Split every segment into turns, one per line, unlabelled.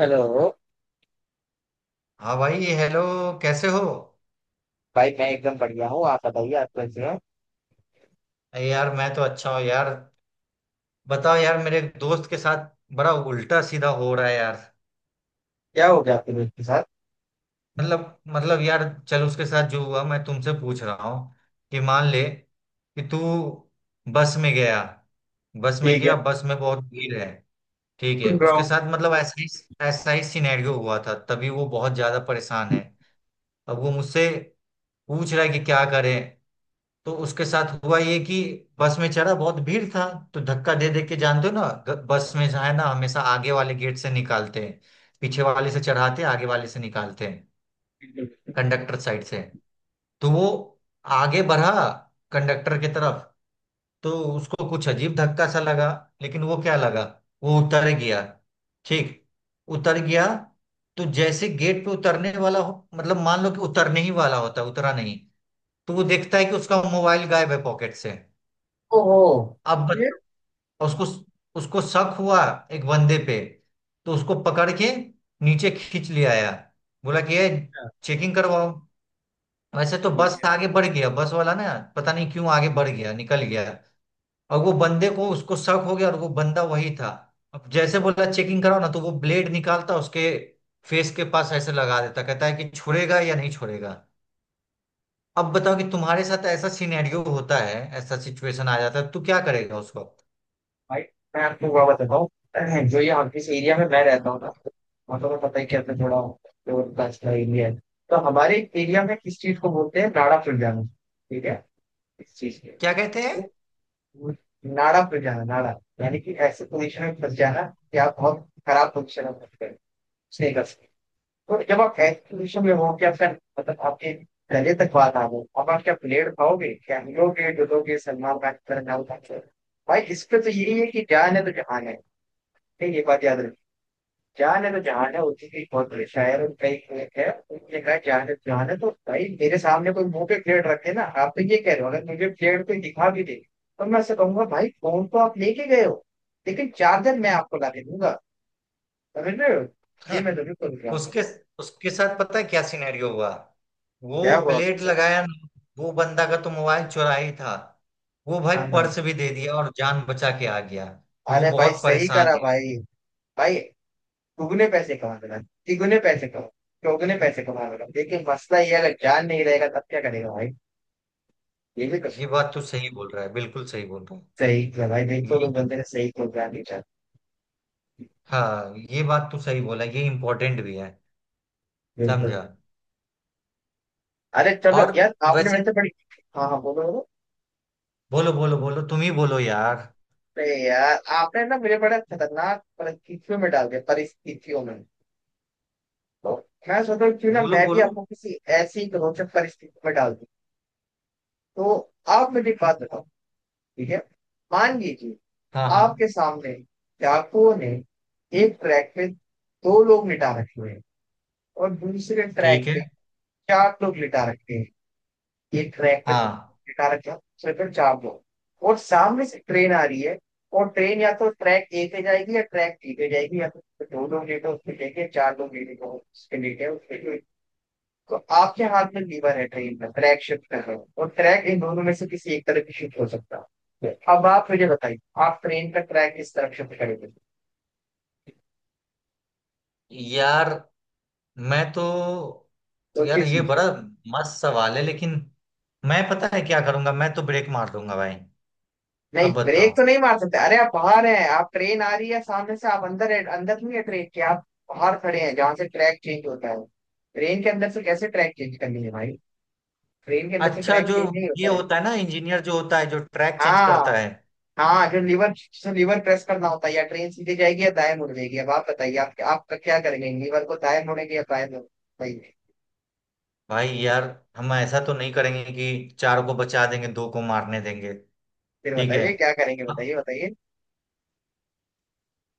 Hello.
हाँ भाई hello. कैसे हो?
भाई, मैं एकदम बढ़िया हूँ। आप बताइए, आप कैसे हैं?
अरे यार मैं तो अच्छा हूँ यार। बताओ यार, मेरे एक दोस्त के साथ बड़ा उल्टा सीधा हो रहा है यार।
क्या हो गया आपके दोस्त के साथ?
मतलब यार, चल उसके साथ जो हुआ मैं तुमसे पूछ रहा हूँ कि मान ले कि तू बस में गया बस में
ठीक है।
गया बस में बहुत भीड़ है। ठीक है,
सुन रहा
उसके
हूँ।
साथ मतलब ऐसा ही सिनेरियो हुआ था, तभी वो बहुत ज्यादा परेशान है। अब वो मुझसे पूछ रहा है कि क्या करें। तो उसके साथ हुआ ये कि बस में चढ़ा, बहुत भीड़ था। तो धक्का दे दे के, जानते हो ना, बस में जो है ना, हमेशा आगे वाले गेट से निकालते हैं। पीछे वाले से चढ़ाते हैं, आगे वाले से निकालते हैं,
बिल्कुल।
कंडक्टर साइड से। तो वो आगे बढ़ा कंडक्टर की तरफ। तो उसको कुछ अजीब धक्का सा लगा, लेकिन वो क्या लगा, वो उतर गया। ठीक, उतर गया। तो जैसे गेट पे उतरने वाला हो, मतलब मान लो कि उतरने ही वाला होता है, उतरा नहीं। तो वो देखता है कि उसका मोबाइल गायब है पॉकेट से।
ओहो।
अब
ये।
बच्चों, उसको उसको शक हुआ एक बंदे पे। तो उसको पकड़ के नीचे खींच ले आया। बोला कि ये चेकिंग करवाओ। वैसे तो
ठीक
बस
है।
आगे बढ़ गया, बस वाला ना पता नहीं क्यों आगे बढ़ गया, निकल गया। और वो बंदे को, उसको शक हो गया और वो बंदा वही था। अब जैसे बोला चेकिंग कराओ ना, तो वो ब्लेड निकालता उसके फेस के पास ऐसे लगा देता, कहता है कि छोड़ेगा या नहीं छोड़ेगा। अब बताओ कि तुम्हारे साथ ऐसा सिनेरियो होता है, ऐसा सिचुएशन आ जाता है तो क्या करेगा उस वक्त?
भाई, मैं आपको हुआ बताता हूँ। जो ये हम जिस एरिया में मैं रहता हूँ ना, मतलब को पता ही क्या, मैं थोड़ा प्योर कास्ट का अच्छा एरिया है। तो हमारे एरिया में किस चीज को बोलते हैं, नाड़ा प्रजाना, ठीक है। इस चीज के,
क्या कहते हैं?
तो वो नाड़ा प्रजाना, नाड़ा यानी कि ऐसे पोजिशन में फंस जाना कि आप बहुत खराब पोजिशन में फंस गए, उसने कर सकते हैं। तो जब आप एक्सपोजिशन में हो, क्या सर, मतलब आपके गले तक बात आ गई, अब आप क्या प्लेयर खाओगे, क्या हिलोगे डुलोगे सलमान खान की तरह, ना उठा के? भाई, इस पे तो यही है कि जान है तो जहान है। नहीं, ये बात याद रखी, जान है तो जहान है। उसी की बहुत बड़े शायर और कई लेख है, उनने कहा जान है तो जहान है। तो भाई, मेरे सामने कोई मुंह पे प्लेट रखे, ना आप तो ये कह रहे हो, अगर मुझे प्लेट कोई दिखा भी दे तो मैं ऐसे कहूंगा, भाई फोन तो आप लेके गए हो लेकिन चार्जर मैं आपको ला के दूंगा। समझ रहे हो, ये मैं जरूर कर रहा हूँ।
उसके उसके साथ पता है क्या सिनेरियो हुआ?
क्या
वो
हुआ उसके
ब्लेड
साथ?
लगाया ना, वो बंदा का तो मोबाइल चुरा ही था, वो भाई
हाँ हाँ।
पर्स भी दे दिया और जान बचा के आ गया। वो
अरे भाई,
बहुत
सही
परेशान
करा
है।
भाई। भाई, दुगने पैसे कमा देना, तिगुने पैसे कमा, चौगुने पैसे कमा देना, लेकिन मसला ये है, अगर जान नहीं रहेगा तब क्या करेगा भाई? ये भी कुछ।
ये बात तो सही बोल रहा है, बिल्कुल सही बोल रहा
सही किया भाई,
है। ये,
बिल्कुल, तुम बंदे ने सही प्रोग्राम नहीं चाहती।
हाँ, ये बात तो सही बोला, ये इम्पोर्टेंट भी है।
बिल्कुल।
समझा।
अरे चलो
और
यार, आपने
वैसे,
वैसे बड़ी। हाँ हाँ, बोलो बोलो।
बोलो बोलो बोलो, तुम ही बोलो यार।
अरे यार, आपने ना मुझे बड़ा खतरनाक परिस्थितियों में डाल दिया, परिस्थितियों में। तो मैं सोच रहा हूँ क्यों ना
बोलो
मैं भी
बोलो।
आपको किसी ऐसी रोचक परिस्थिति में डाल दूं। तो आप मुझे एक बात बताओ, ठीक है? मान लीजिए,
हाँ हाँ।
आपके सामने डाकुओं ने एक ट्रैक पे दो लोग लिटा रखे हुए हैं, और दूसरे ट्रैक
ठीक है।
पे चार लोग लिटा रखे हैं। एक ट्रैक पे दो
हाँ।
लोग लिटा रखे हैं, दूसरे पे चार लोग। और सामने से ट्रेन आ रही है, और ट्रेन या तो ट्रैक ए पे जाएगी या ट्रैक बी पे जाएगी, या तो उस पे दो लोग लेटे उस पे लेटे, चार लोग लेटे उस पे लेटे उस पे। तो आपके हाथ में लीवर है, ट्रेन का ट्रैक शिफ्ट कर रहे हो, और ट्रैक इन दोनों में से किसी एक तरफ शिफ्ट हो सकता है। अब आप मुझे बताइए, आप ट्रेन का ट्रैक किस तरफ शिफ्ट करेंगे?
यार मैं तो, यार
सोचिए
ये बड़ा
सोचिए।
मस्त सवाल है। लेकिन मैं पता है क्या करूंगा? मैं तो ब्रेक मार दूंगा भाई।
नहीं,
अब
ब्रेक
बताओ।
तो नहीं मार सकते। अरे, आप बाहर हैं, आप ट्रेन आ रही है सामने से, आप अंदर है, अंदर नहीं है ट्रेन के, आप बाहर खड़े हैं जहां से ट्रैक चेंज होता है। ट्रेन के अंदर से कैसे ट्रैक चेंज करनी है भाई? ट्रेन के अंदर से
अच्छा,
ट्रैक
जो
चेंज नहीं
ये
होता है।
होता है ना, इंजीनियर जो होता है, जो ट्रैक चेंज
हाँ
करता है।
हाँ, अगर लीवर, लीवर प्रेस करना होता है, या ट्रेन सीधे जाएगी या दाएं मुड़ जाएगी। अब आप बताइए, आप आपका क्या करेंगे, लीवर को दाएं मोड़ेंगे या बाएं मोड़ेंगे? बताइए,
भाई यार, हम ऐसा तो नहीं करेंगे कि चार को बचा देंगे, दो को मारने देंगे।
फिर
ठीक है,
बताइए क्या करेंगे, बताइए बताइए।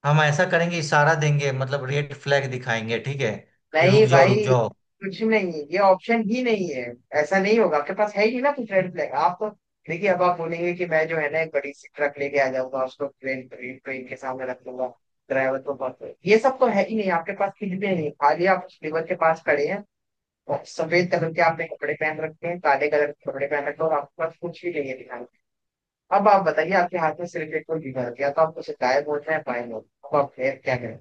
हम ऐसा करेंगे, इशारा देंगे, मतलब रेड फ्लैग दिखाएंगे, ठीक है, कि
नहीं
रुक जाओ रुक
भाई,
जाओ।
कुछ नहीं, ये ऑप्शन ही नहीं है। ऐसा नहीं होगा, आपके पास है ही ना कुछ रेड फ्लैग, आप तो। देखिए, अब आप बोलेंगे कि मैं जो है ना, एक बड़ी सी ट्रक लेके आ जाऊंगा, उसको ट्रेन, ट्रेन के सामने रख लूंगा, ड्राइवर को बहुत, ये सब तो है ही नहीं आपके पास, कुछ भी नहीं, खाली आप लीवर के पास खड़े हैं। और सफेद कलर के आपने कपड़े पहन रखे हैं, काले कलर के कपड़े पहन रखे हैं, और आपके पास कुछ भी नहीं है दिखाने को। अब आप बताइए, आपके हाथ में सिर्फ एक, कोई बीमार गया तो आपको शिकायत बोलते हैं बाएं लोग, अब आप फिर क्या करें?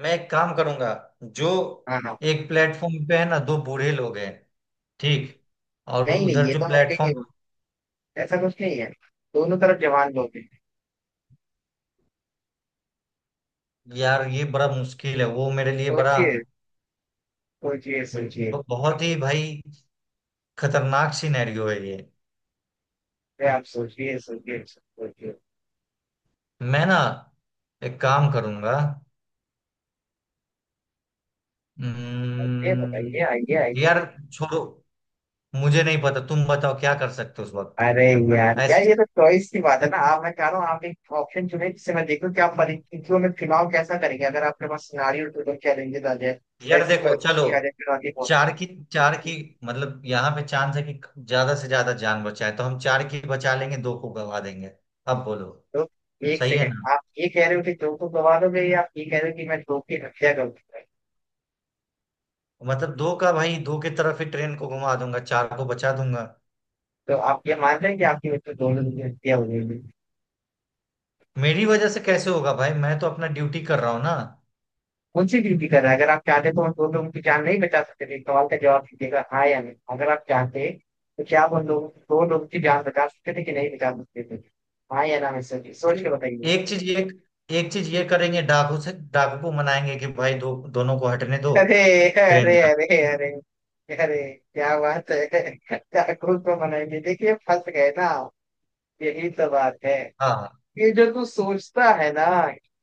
मैं एक काम करूंगा, जो,
हाँ हाँ।
एक प्लेटफॉर्म पे है ना दो बूढ़े लोग हैं। ठीक, और
नहीं नहीं,
उधर
ये तो
जो
हमें कहीं नहीं
प्लेटफॉर्म,
बोलते, ऐसा कुछ नहीं है। दोनों तरफ जवान लोग हैं।
यार ये बड़ा मुश्किल है, वो मेरे लिए बड़ा,
सोचिए सोचिए सोचिए।
बहुत ही भाई खतरनाक सिनेरियो है ये।
अरे आप सोचिए सोचिए सोचिए।
मैं ना एक काम करूंगा।
ये बताइए,
हम्म,
आइए आइए।
यार छोड़ो, मुझे नहीं पता, तुम बताओ क्या कर सकते हो उस वक्त?
अरे यार
ऐसे,
यार, ये तो चॉइस की बात है ना। आप, मैं कह रहा हूँ, आप एक ऑप्शन चुने जिससे मैं देखूं कि आप परिस्थितियों में चुनाव कैसा करेंगे अगर आपके पास सिनारियो टू चैलेंजेस आ जाए,
यार
ऐसी
देखो, चलो,
परिस्थिति आ जाए, चुनौतीपूर्ण।
चार की चार की मतलब यहाँ पे चांस है कि ज्यादा से ज्यादा जान बचाए, तो हम चार की बचा लेंगे, दो को गवा देंगे। अब बोलो।
तो एक
सही है
सेकंड,
ना,
आप ये कह रहे हो कि दो को गवा दोगे, या आप ये कह रहे हो कि मैं दो की हत्या करूंगा?
मतलब दो का, भाई दो की तरफ ही ट्रेन को घुमा दूंगा, चार को बचा दूंगा।
तो आप ये मान रहे हैं कि आपकी वजह से दो लोगों की हत्या हो जाएगी?
मेरी वजह से कैसे होगा भाई? मैं तो अपना ड्यूटी कर रहा हूँ ना।
कौन सी ड्यूटी कर रहा है? अगर आप चाहते तो उन दो लोगों की जान नहीं बचा सकते थे, इस सवाल का जवाब दीजिएगा, हाँ या नहीं। अगर आप चाहते तो क्या आप उन लोगों, दो लोगों की जान बचा सकते थे कि नहीं बचा सकते थे? हाँ या ना, मैं, सोचिए, सोच के
देखो,
बताइए।
एक चीज ये एक चीज ये करेंगे, डाकू से, डाकू को मनाएंगे कि भाई दो दोनों को हटने दो,
अरे
ट्रेन
अरे
जाए।
अरे। अरे, अरे, क्या बात है! क्या खुद को मनाएंगे? देखिए, फंस गए ना, यही तो बात है।
हाँ,
ये जो तू सोचता है ना,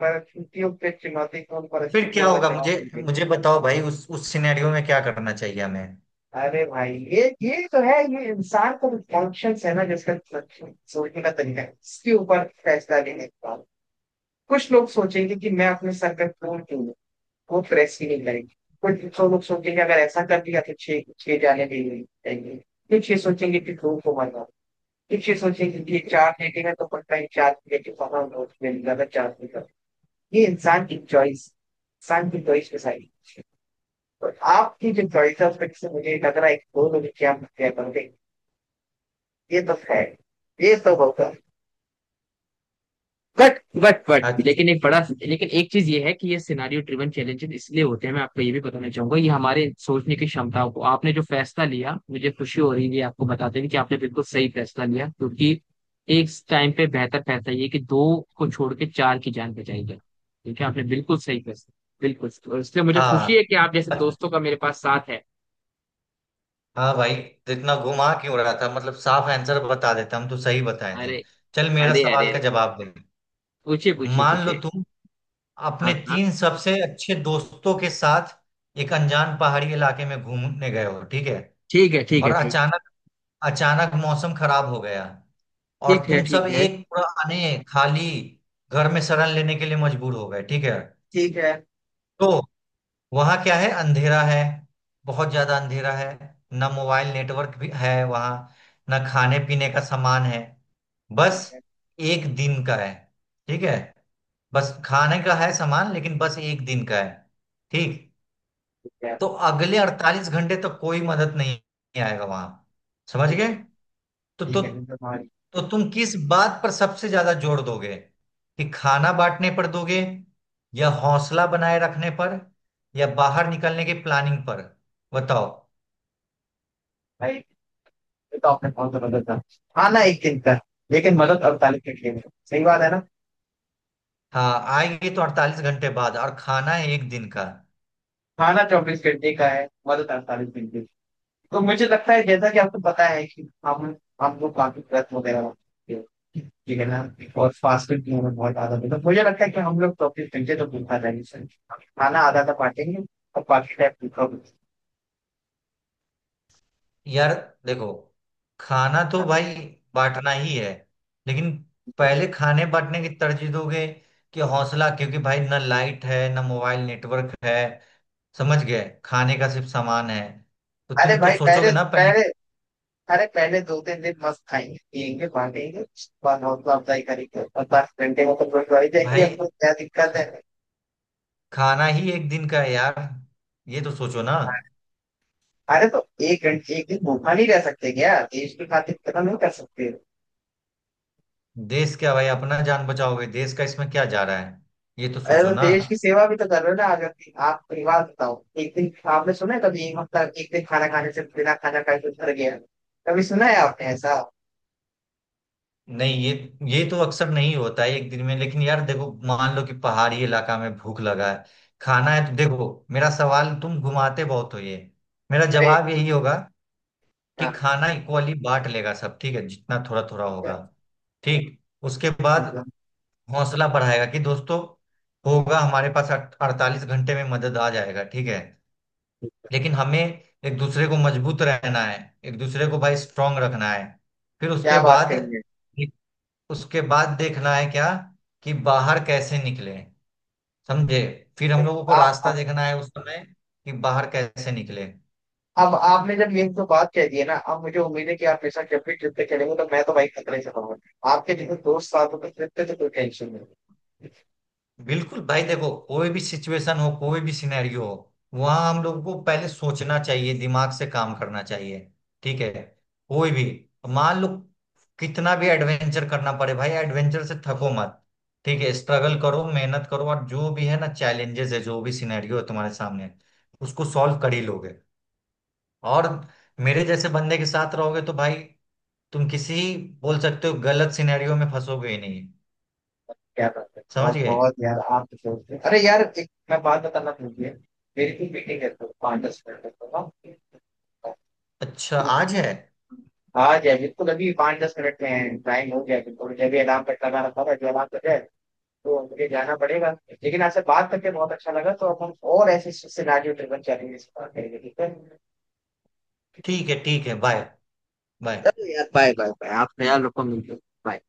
परिस्थितियों पे, चुनौतीपूर्ण
फिर क्या
परिस्थितियों का
होगा?
जवाब
मुझे
दीजिए।
मुझे बताओ भाई उस सिनेरियो में क्या करना चाहिए हमें।
अरे भाई, ये तो है, ये इंसान का कॉन्शियस है ना, जिसका सोचने का तरीका है, इसके ऊपर फैसला लेने का। कुछ लोग सोचेंगे कि मैं अपने सर पे फूल क्यों लूं? वो प्रेस ही नहीं करेंगे। कुछ तो लोग सोचेंगे अगर ऐसा कर दिया तो छह छह जाने भी नहीं देंगे। कुछ ये सोचेंगे कि धूप को मरना। कुछ ये सोचेंगे कि ये चार लेके है तो पता ही चार लेके वहां नोट में निकाला, चार निकाला। ये इंसान की चॉइस, इंसान की चॉइस डिसाइड। और आपकी जो चॉइस है उस पर से मुझे लग रहा है कि दो लोग क्या क्या, ये तो है, ये तो होगा। बट बट लेकिन एक बड़ा, लेकिन एक चीज ये है कि ये सिनारियो ड्रिवन चैलेंजेस इसलिए होते हैं। मैं आपको ये भी बताना चाहूंगा, ये हमारे सोचने की क्षमताओं को, आपने जो फैसला लिया, मुझे खुशी हो रही है आपको बताते हुए कि आपने बिल्कुल सही फैसला लिया, क्योंकि एक टाइम पे बेहतर फैसला ये कि दो को छोड़ के चार की जान बचाई जाए। ठीक है, आपने बिल्कुल सही फैसला। बिल्कुल, और इसलिए मुझे खुशी है
हाँ
कि आप जैसे दोस्तों का मेरे पास साथ है।
हाँ भाई, तो इतना घुमा क्यों रहा था? मतलब साफ आंसर बता देता, हम तो सही बताए थे।
अरे
चल मेरा
अरे अरे।
सवाल का
अरे,
जवाब दे।
पूछिए पूछिए
मान लो
पूछिए।
तुम
हाँ
अपने
हाँ।
तीन सबसे अच्छे दोस्तों के साथ एक अनजान पहाड़ी इलाके में घूमने गए हो, ठीक है?
ठीक है ठीक
और
है ठीक है।
अचानक, अचानक मौसम खराब हो गया और
ठीक है।
तुम सब
ठीक है।
एक पुराने खाली घर में शरण लेने के लिए मजबूर हो गए, ठीक है?
ठीक है।
तो वहां क्या है? अंधेरा है, बहुत ज्यादा अंधेरा है। ना मोबाइल नेटवर्क भी है वहां, ना खाने पीने का सामान है। बस
ठीक है।
एक दिन का है, ठीक है, बस खाने का है सामान, लेकिन बस एक दिन का है, ठीक?
ठीक है।
तो अगले 48 घंटे तक कोई मदद नहीं आएगा वहां, समझ
ठीक है।
गए? तो तो
ठीक है फिर तुम्हारी।
तो तुम किस बात पर सबसे ज्यादा जोर दोगे? कि खाना बांटने पर दोगे, या हौसला बनाए रखने पर, या बाहर निकलने की प्लानिंग पर? बताओ।
भाई ये तो आपने बहुत मदद था। खाना एक दिन का, लेकिन मदद 48 घंटे में, सही बात है ना?
हाँ, आएंगे तो 48 घंटे बाद और खाना है एक दिन का।
खाना 24 घंटे का है, मदद 48 घंटे की। तो मुझे लगता है, जैसा कि आपको पता है कि हम लोग काफी व्रत वगैरह रखते हैं, ठीक है ना, और फास्ट फूड भी हमें बहुत आदत है, तो मुझे लगता है कि हम लोग 24 घंटे तो भूखा रहेंगे सर, खाना आधा आधा बांटेंगे, और बाकी टाइम भूखा भूखा।
यार देखो, खाना तो भाई बांटना ही है। लेकिन पहले खाने बांटने की तरजीह दोगे कि हौसला? क्योंकि भाई ना लाइट है ना मोबाइल नेटवर्क है, समझ गए? खाने का सिर्फ सामान है, तो
अरे
तुम तो
भाई, पहले
सोचोगे ना पहले
पहले,
कि,
अरे पहले 2-3 दिन मस्त खाएंगे पियेंगे बांटेंगे, उसके बाद हौसला अफजाई करेंगे, और 10 घंटे में तो गुरुद्वारे जाएंगे,
भाई
आपको क्या दिक्कत है?
खाना ही एक दिन का है यार, ये तो सोचो ना।
अरे तो एक घंटे, एक दिन भूखा नहीं रह सकते क्या देश की खातिर, इतना नहीं कर सकते?
देश क्या भाई? अपना जान बचाओगे, देश का इसमें क्या जा रहा है? ये तो
अरे
सोचो
तो
ना।
देश की सेवा भी तो कर रहे हो ना आज, अपनी आप परिवार बताओ, एक दिन आपने सुना है कभी एक हफ्ता, एक दिन खाना खाने से, बिना खाना खाए कुछ मर गया, कभी सुना है आपने ऐसा?
नहीं, ये तो अक्सर नहीं होता है एक दिन में, लेकिन यार देखो, मान लो कि पहाड़ी इलाका में भूख लगा है, खाना है तो देखो। मेरा सवाल तुम घुमाते बहुत हो। ये मेरा
अरे
जवाब यही होगा कि
हाँ,
खाना इक्वली बांट लेगा सब, ठीक है? जितना थोड़ा थोड़ा होगा, ठीक। उसके बाद हौसला बढ़ाएगा कि दोस्तों, होगा, हमारे पास 48 घंटे में मदद आ जाएगा, ठीक है? लेकिन हमें एक दूसरे को मजबूत रहना है, एक दूसरे को भाई स्ट्रांग रखना है। फिर
क्या
उसके
बात
बाद
कही है
उसके बाद देखना है क्या, कि बाहर कैसे निकले, समझे? फिर हम लोगों को रास्ता
आप!
देखना है उस समय कि बाहर कैसे निकले।
अब आपने जब ये जो बात कह दी है ना, अब मुझे उम्मीद है कि आप हमेशा जब भी ट्रिप पे चलेंगे तो मैं तो भाई खतरे से रहूंगा, आपके जैसे दोस्त साथ होते ट्रिप पे तो कोई टेंशन नहीं।
बिल्कुल भाई देखो, कोई भी सिचुएशन हो, कोई भी सिनेरियो हो, वहां हम लोगों को पहले सोचना चाहिए, दिमाग से काम करना चाहिए, ठीक है? कोई भी, मान लो कितना भी एडवेंचर करना पड़े भाई, एडवेंचर से थको मत, ठीक है? स्ट्रगल करो, मेहनत करो और जो भी है ना चैलेंजेस है, जो भी सिनेरियो है तुम्हारे सामने, उसको सॉल्व कर ही लोगे। और मेरे जैसे बंदे के साथ रहोगे तो भाई, तुम किसी, बोल सकते हो, गलत सिनेरियो में फंसोगे ही नहीं,
क्या बात है,
समझ
बहुत
गए?
बहुत यार, आप तो दोस्त हैं। अरे यार, एक मैं बात बताना भूल गया, मेरी भी मीटिंग है तो 5-10 मिनट तक। हाँ,
अच्छा आज है?
आ जाए बिल्कुल, अभी 5-10 मिनट में टाइम हो गया, बिल्कुल मुझे भी अलार्म कट लगा रखा था, जो अलार्म कट जाए तो मुझे जाना पड़ेगा। लेकिन आपसे बात करके बहुत अच्छा लगा, तो अब हम और ऐसे सिनारियो ड्रिवन चैलेंजेस पर बात करेंगे, ठीक है?
ठीक है, ठीक है, बाय। बाय।
चलो यार, बाय बाय बाय, आप ख्याल रखो, मिलते हैं। Bye.